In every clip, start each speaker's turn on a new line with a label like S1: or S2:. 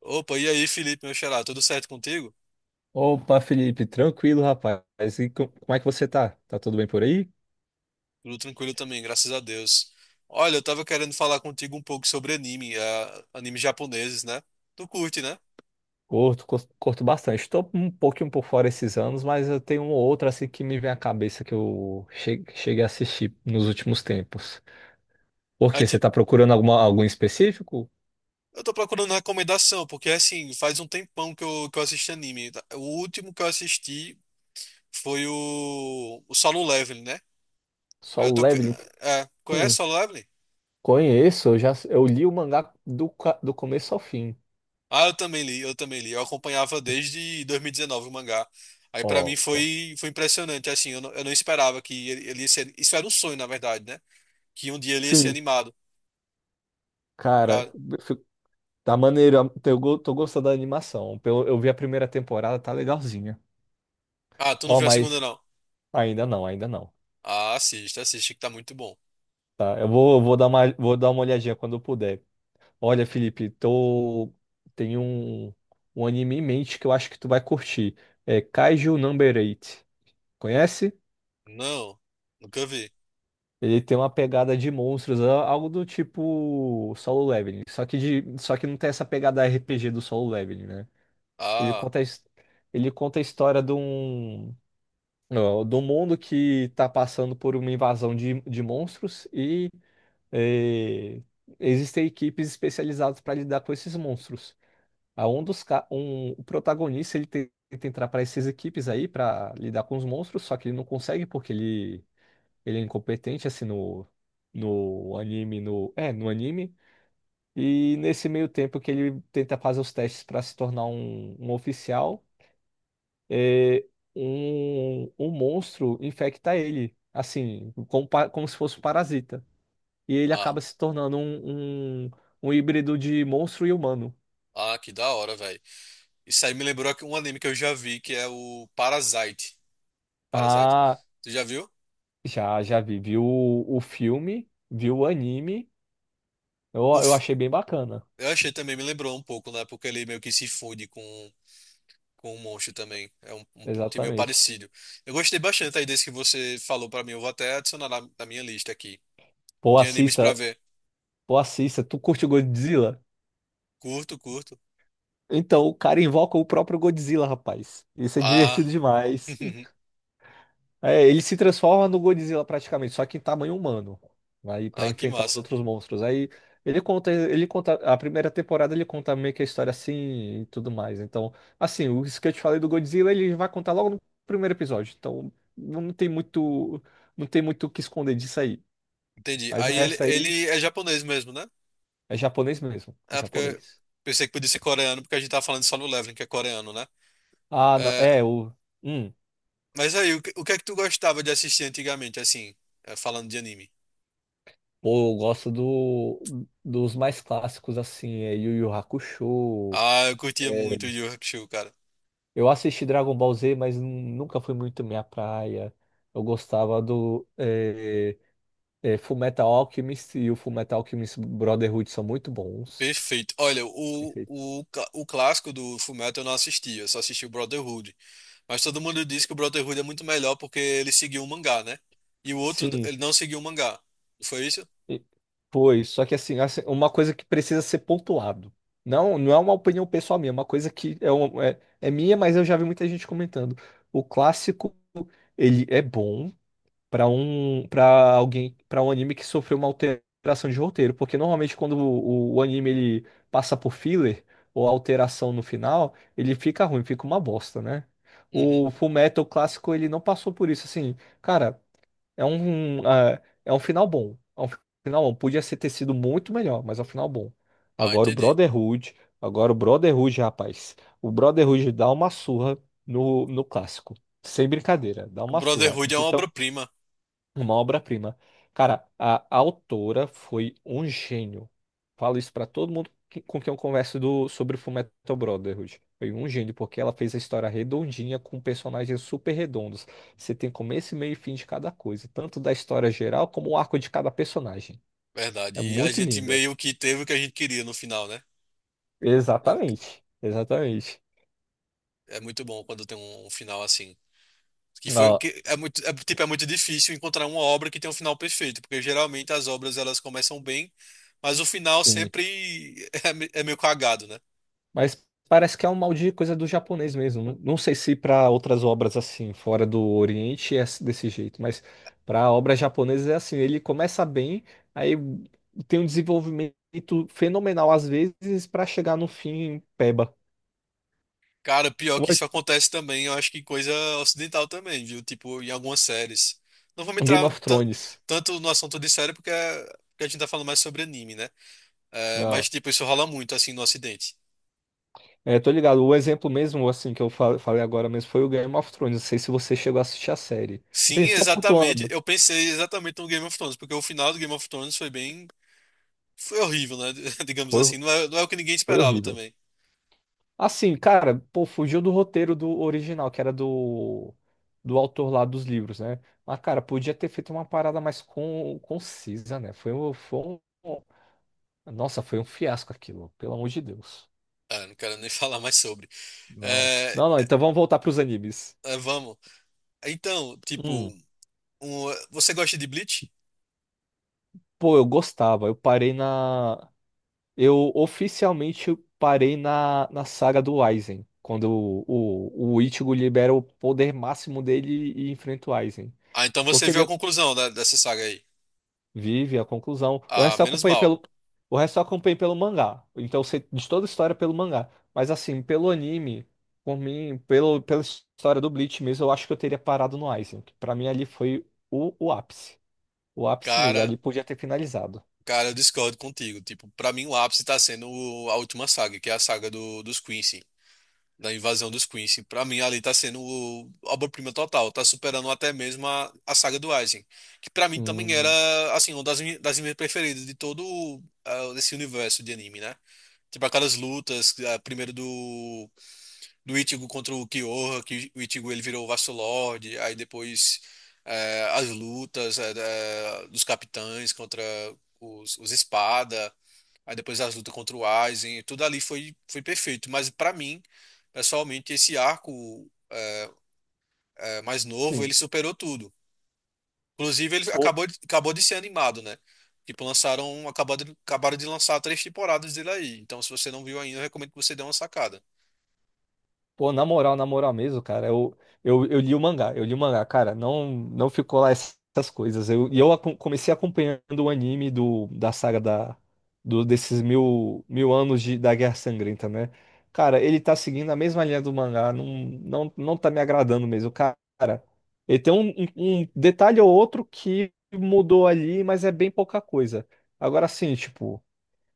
S1: Opa, e aí, Felipe, meu xará, tudo certo contigo?
S2: Opa, Felipe, tranquilo, rapaz. Como é que você tá? Tá tudo bem por aí?
S1: Tudo tranquilo também, graças a Deus. Olha, eu tava querendo falar contigo um pouco sobre anime, animes japoneses, né? Tu curte, né?
S2: Curto bastante. Estou um pouquinho por fora esses anos, mas eu tenho um ou outro assim que me vem à cabeça que eu cheguei a assistir nos últimos tempos. Por
S1: Aí,
S2: quê? Você
S1: ti-
S2: tá procurando algum específico?
S1: eu tô procurando recomendação, porque assim, faz um tempão que eu assisto anime. O último que eu assisti foi o Solo Leveling, né? Aí eu
S2: Solo
S1: tô. Que-
S2: Leveling?
S1: É, conhece
S2: Hum,
S1: Solo Leveling?
S2: conheço, eu já eu li o mangá do começo ao fim.
S1: Ah, eu também li. Eu acompanhava desde 2019 o mangá. Aí pra mim
S2: Ó.
S1: foi impressionante, assim, eu não esperava que ele ia ser... Isso era um sonho, na verdade, né? Que um dia ele ia ser
S2: Sim,
S1: animado.
S2: cara,
S1: Pra...
S2: fi- tá maneiro, tô gostando da animação. Eu vi a primeira temporada, tá legalzinha.
S1: Ah, tu não
S2: Ó,
S1: viu a segunda,
S2: mas
S1: não?
S2: Ainda não, ainda não.
S1: Ah, assiste que tá muito bom.
S2: Tá? Eu vou dar vou dar uma olhadinha quando eu puder. Olha, Felipe, tô... tem um, um anime em mente que eu acho que tu vai curtir. É Kaiju Number 8. Conhece?
S1: Não, nunca vi.
S2: Ele tem uma pegada de monstros, algo do tipo Solo Leveling. Só que não tem essa pegada RPG do Solo Leveling, né? Ele
S1: Ah,
S2: conta, a his- ele conta a história ó, de um mundo que tá passando por uma invasão de monstros eh, existem equipes especializadas para lidar com esses monstros. A um dos ca- um, o protagonista ele tenta entrar para essas equipes aí para lidar com os monstros, só que ele não consegue porque ele é incompetente assim no anime. E nesse meio tempo que ele tenta fazer os testes para se tornar um oficial, é um, um monstro infecta ele assim como, como se fosse um parasita, e ele
S1: ah,
S2: acaba se tornando um híbrido de monstro e humano.
S1: ah, que da hora, velho. Isso aí um anime que eu já vi, que é o Parasite. Parasite.
S2: Ah,
S1: Tu já viu?
S2: já, já vi. Vi o filme, vi o anime. Eu
S1: Uf,
S2: achei bem bacana.
S1: eu achei também, me lembrou um pouco, né? Porque ele meio que se funde com o Monstro também. É um, um plot meio
S2: Exatamente.
S1: parecido. Eu gostei bastante aí desse que você falou pra mim. Eu vou até adicionar na minha lista aqui
S2: Pô,
S1: de animes pra
S2: assista,
S1: ver.
S2: pô, assista. Tu curte o Godzilla?
S1: Curto, curto.
S2: Então, o cara invoca o próprio Godzilla, rapaz. Isso é
S1: Ah,
S2: divertido demais. É, ele se transforma no Godzilla praticamente, só que em tamanho humano. Aí para
S1: ah, que
S2: enfrentar os
S1: massa.
S2: outros monstros. Aí ele conta a primeira temporada, ele conta meio que a história assim e tudo mais. Então, assim, o isso que eu te falei do Godzilla, ele vai contar logo no primeiro episódio. Então, não tem muito, não tem muito o que esconder disso aí.
S1: Entendi.
S2: Mas o
S1: Aí ele,
S2: resto aí
S1: ele é japonês mesmo, né?
S2: é japonês mesmo, é
S1: É porque
S2: japonês.
S1: pensei que podia ser coreano, porque a gente tava falando só no Leveling, que é coreano, né?
S2: Ah, não,
S1: É,
S2: é o hum,
S1: mas aí, o que é que tu gostava de assistir antigamente, assim, é, falando de anime?
S2: pô, eu gosto do, dos mais clássicos assim, é Yu Yu Hakusho.
S1: Ah, eu curtia
S2: É,
S1: muito Yu Yu Hakusho.
S2: eu assisti Dragon Ball Z, mas nunca foi muito minha praia. Eu gostava do Fullmetal Alchemist, e o Fullmetal Alchemist Brotherhood são muito bons.
S1: Perfeito. Olha,
S2: Perfeito.
S1: o clássico do Fullmetal eu não assisti, eu só assisti o Brotherhood. Mas todo mundo diz que o Brotherhood é muito melhor porque ele seguiu o mangá, né? E o outro,
S2: Sim,
S1: ele não seguiu o mangá. Foi isso?
S2: e- foi. Só que assim, assim, uma coisa que precisa ser pontuado. Não, não é uma opinião pessoal minha, é uma coisa que é minha, mas eu já vi muita gente comentando. O clássico, ele é bom, para um anime que sofreu uma alteração de roteiro, porque normalmente quando o anime ele passa por filler ou alteração no final, ele fica ruim, fica uma bosta, né?
S1: Uhum.
S2: O Fullmetal clássico ele não passou por isso, assim, cara, é um é um final bom, é um final bom, podia ser ter sido muito melhor, mas é um final bom.
S1: Ah,
S2: Agora o
S1: entendi.
S2: Brotherhood, agora o Brotherhood, rapaz, o Brotherhood dá uma surra no clássico. Sem brincadeira, dá
S1: O
S2: uma surra.
S1: Brotherhood é uma obra-prima,
S2: Uma obra-prima. Cara, autora foi um gênio. Falo isso pra todo mundo com quem eu converso sobre Fullmetal Brotherhood. Foi um gênio, porque ela fez a história redondinha com personagens super redondos. Você tem começo, meio e fim de cada coisa, tanto da história geral como o arco de cada personagem.
S1: verdade.
S2: É
S1: E a
S2: muito
S1: gente
S2: linda.
S1: meio que teve o que a gente queria no final, né? É,
S2: Exatamente. Exatamente.
S1: é muito bom quando tem um final assim. Que foi
S2: Ah,
S1: que é muito, é, tipo, é muito difícil encontrar uma obra que tem um final perfeito, porque geralmente as obras elas começam bem, mas o final
S2: sim.
S1: sempre é meio cagado, né?
S2: Mas parece que é um mal de coisa do japonês mesmo. Não, não sei se para outras obras assim, fora do Oriente, é desse jeito, mas para obras japonesas é assim: ele começa bem, aí tem um desenvolvimento fenomenal às vezes para chegar no fim peba.
S1: Cara, pior que isso acontece também, eu acho que coisa ocidental também, viu? Tipo, em algumas séries. Não vou me
S2: Um Game
S1: entrar
S2: of
S1: tan-
S2: Thrones.
S1: tanto no assunto de série, porque, porque a gente tá falando mais sobre anime, né? É,
S2: Não.
S1: mas, tipo, isso rola muito, assim, no Ocidente.
S2: É, tô ligado. O exemplo mesmo, assim, que eu falei agora mesmo foi o Game of Thrones. Não sei se você chegou a assistir a série.
S1: Sim,
S2: Assim, só
S1: exatamente.
S2: pontuando.
S1: Eu pensei exatamente no Game of Thrones, porque o final do Game of Thrones foi bem. Foi horrível, né? Digamos
S2: Foi,
S1: assim. Não é o que ninguém
S2: foi
S1: esperava
S2: horrível.
S1: também.
S2: Assim, cara, pô, fugiu do roteiro do original, que era do autor lá dos livros, né? Mas, cara, podia ter feito uma parada mais concisa, né? Foi um, foi um. Nossa, foi um fiasco aquilo, pelo amor de Deus.
S1: Ah, não quero nem falar mais sobre.
S2: Não.
S1: É,
S2: Não, não, então vamos voltar pros animes.
S1: é, vamos. Então, tipo,
S2: Hum,
S1: você gosta de Bleach?
S2: pô, eu gostava. Eu oficialmente parei na saga do Aizen. Quando o Ichigo libera o poder máximo dele e enfrenta o Aizen.
S1: Ah, então você
S2: Porque
S1: viu a
S2: de-
S1: conclusão dessa saga aí.
S2: Vive a conclusão. O
S1: Ah,
S2: resto eu
S1: menos
S2: acompanhei
S1: mal.
S2: pelo, o resto eu acompanhei pelo mangá. Então eu sei de toda a história pelo mangá. Mas assim, pelo anime, por mim, pela história do Bleach mesmo, eu acho que eu teria parado no Aizen. Que Pra mim ali foi o ápice. O ápice mesmo.
S1: Cara,
S2: Ali podia ter finalizado.
S1: cara, eu discordo contigo. Tipo, pra mim o ápice tá sendo a última saga, que é a saga do, dos Quincy, da invasão dos Quincy. Pra mim, ali tá sendo obra-prima total, tá superando até mesmo a saga do Eisen, que pra mim também era,
S2: Hum,
S1: assim, uma das das minhas preferidas de todo esse universo de anime, né? Tipo aquelas lutas, ah, primeiro do Ichigo contra o Kyoha, que o Ichigo ele virou o Vasto Lord, aí depois as lutas dos capitães contra os espada. Aí depois as lutas contra o Aizen, tudo ali foi, foi perfeito. Mas pra mim, pessoalmente, esse arco é, mais novo, ele
S2: sim.
S1: superou tudo. Inclusive, acabou de ser animado, né? Tipo, lançaram, acabaram de lançar três temporadas dele aí. Então, se você não viu ainda, eu recomendo que você dê uma sacada.
S2: Pô, na moral mesmo, cara, eu li o mangá, eu li o mangá, cara, não ficou lá essas coisas. Eu, e eu comecei acompanhando o anime da saga desses mil, mil anos da Guerra Sangrenta, né? Cara, ele tá seguindo a mesma linha do mangá, não tá me agradando mesmo, cara. Ele tem um um detalhe ou outro que mudou ali, mas é bem pouca coisa. Agora sim, tipo.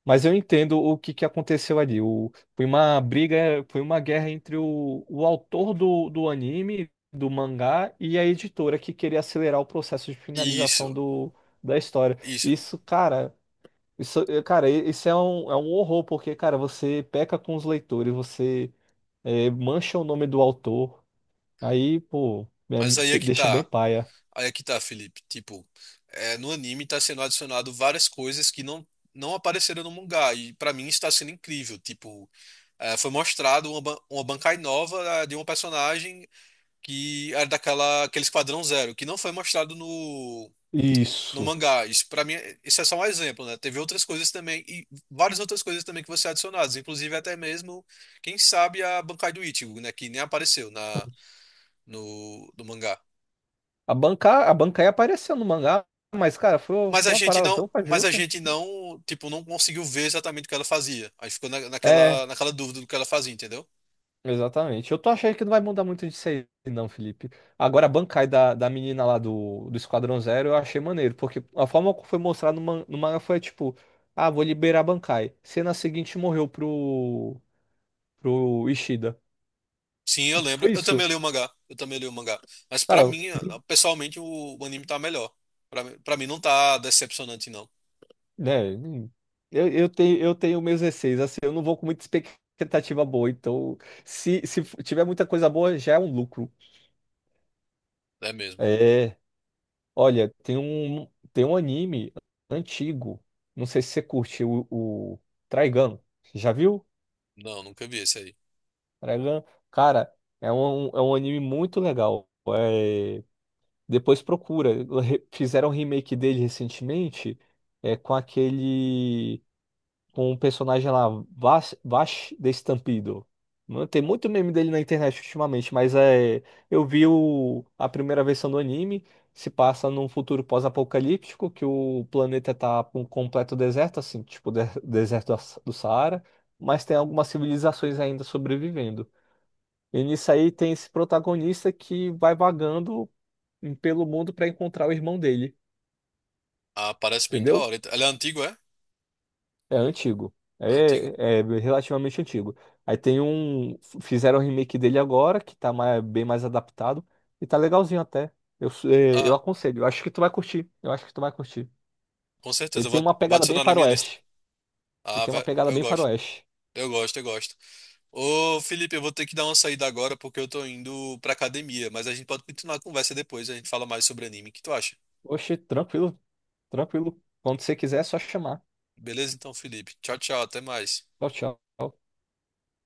S2: Mas eu entendo que aconteceu ali. O, foi uma briga, foi uma guerra entre o autor do anime, do mangá, e a editora que queria acelerar o processo de finalização
S1: Isso,
S2: da história.
S1: isso.
S2: Isso, cara, isso, cara, isso é um horror, porque, cara, você peca com os leitores, você é, mancha o nome do autor, aí, pô,
S1: Mas aí é
S2: é,
S1: que
S2: deixa bem
S1: tá.
S2: paia.
S1: Aí é que tá, Felipe. Tipo, é, no anime tá sendo adicionado várias coisas que não apareceram no mangá. E pra mim está sendo incrível. Tipo, é, foi mostrado uma Bankai nova ah, de uma personagem que era daquela aquele Esquadrão Zero, que não foi mostrado no
S2: Isso.
S1: mangá. Isso para mim, isso é só um exemplo, né? Teve outras coisas também e várias outras coisas também que vão ser adicionadas, inclusive até mesmo, quem sabe a Bankai do Ichigo, né, que nem apareceu na no mangá.
S2: A Bankai apareceu no mangá, mas, cara, foi uma parada tão
S1: Mas a
S2: fajuta.
S1: gente não, tipo, não conseguiu ver exatamente o que ela fazia. Aí ficou
S2: É.
S1: naquela dúvida do que ela fazia, entendeu?
S2: Exatamente. Eu tô achando que não vai mudar muito disso aí, não, Felipe. Agora, a Bankai da menina lá do Esquadrão Zero eu achei maneiro, porque a forma que foi mostrado no manga foi tipo: ah, vou liberar a Bankai. Cena seguinte morreu pro Ishida.
S1: Sim, eu lembro.
S2: Foi
S1: Eu também
S2: isso.
S1: li o mangá. Eu também li o mangá. Mas pra
S2: Cara,
S1: mim, ah, pessoalmente, o anime tá melhor. Pra mim não tá decepcionante, não.
S2: né? Eu tenho meus receios, assim, eu não vou com muita expectativa boa, então se tiver muita coisa boa, já é um lucro.
S1: É mesmo.
S2: É. Olha, tem um anime antigo. Não sei se você curte o Trigun. Já viu?
S1: Não, nunca vi esse aí.
S2: Trigun, cara, é um anime muito legal. É, depois procura. Fizeram um remake dele recentemente, é, com um personagem lá, Vash, Vash Destampido. Mano, tem muito meme dele na internet ultimamente, mas é, eu vi a primeira versão do anime, se passa num futuro pós-apocalíptico, que o planeta tá com um completo deserto, assim, deserto do Saara, mas tem algumas civilizações ainda sobrevivendo. E nisso aí tem esse protagonista que vai vagando pelo mundo para encontrar o irmão dele,
S1: Ah, parece bem da
S2: entendeu?
S1: hora. Ele é antigo, é?
S2: É antigo.
S1: Antigo.
S2: É, é relativamente antigo. Aí tem um. Fizeram o remake dele agora, que tá bem mais adaptado. E tá legalzinho até. Eu, eu
S1: Ah,
S2: aconselho. Eu acho que tu vai curtir. Eu acho que tu vai curtir.
S1: com certeza.
S2: Ele tem uma
S1: Vou
S2: pegada bem
S1: adicionar na minha lista.
S2: faroeste. Ele tem uma pegada
S1: Eu
S2: bem
S1: gosto.
S2: faroeste.
S1: Eu gosto, eu gosto. Ô, Felipe, eu vou ter que dar uma saída agora porque eu tô indo pra academia. Mas a gente pode continuar a conversa depois. A gente fala mais sobre anime. O que tu acha?
S2: Oxe, tranquilo, tranquilo. Quando você quiser, é só chamar.
S1: Beleza, então, Felipe. Tchau, tchau. Até mais.
S2: Tchau, tchau.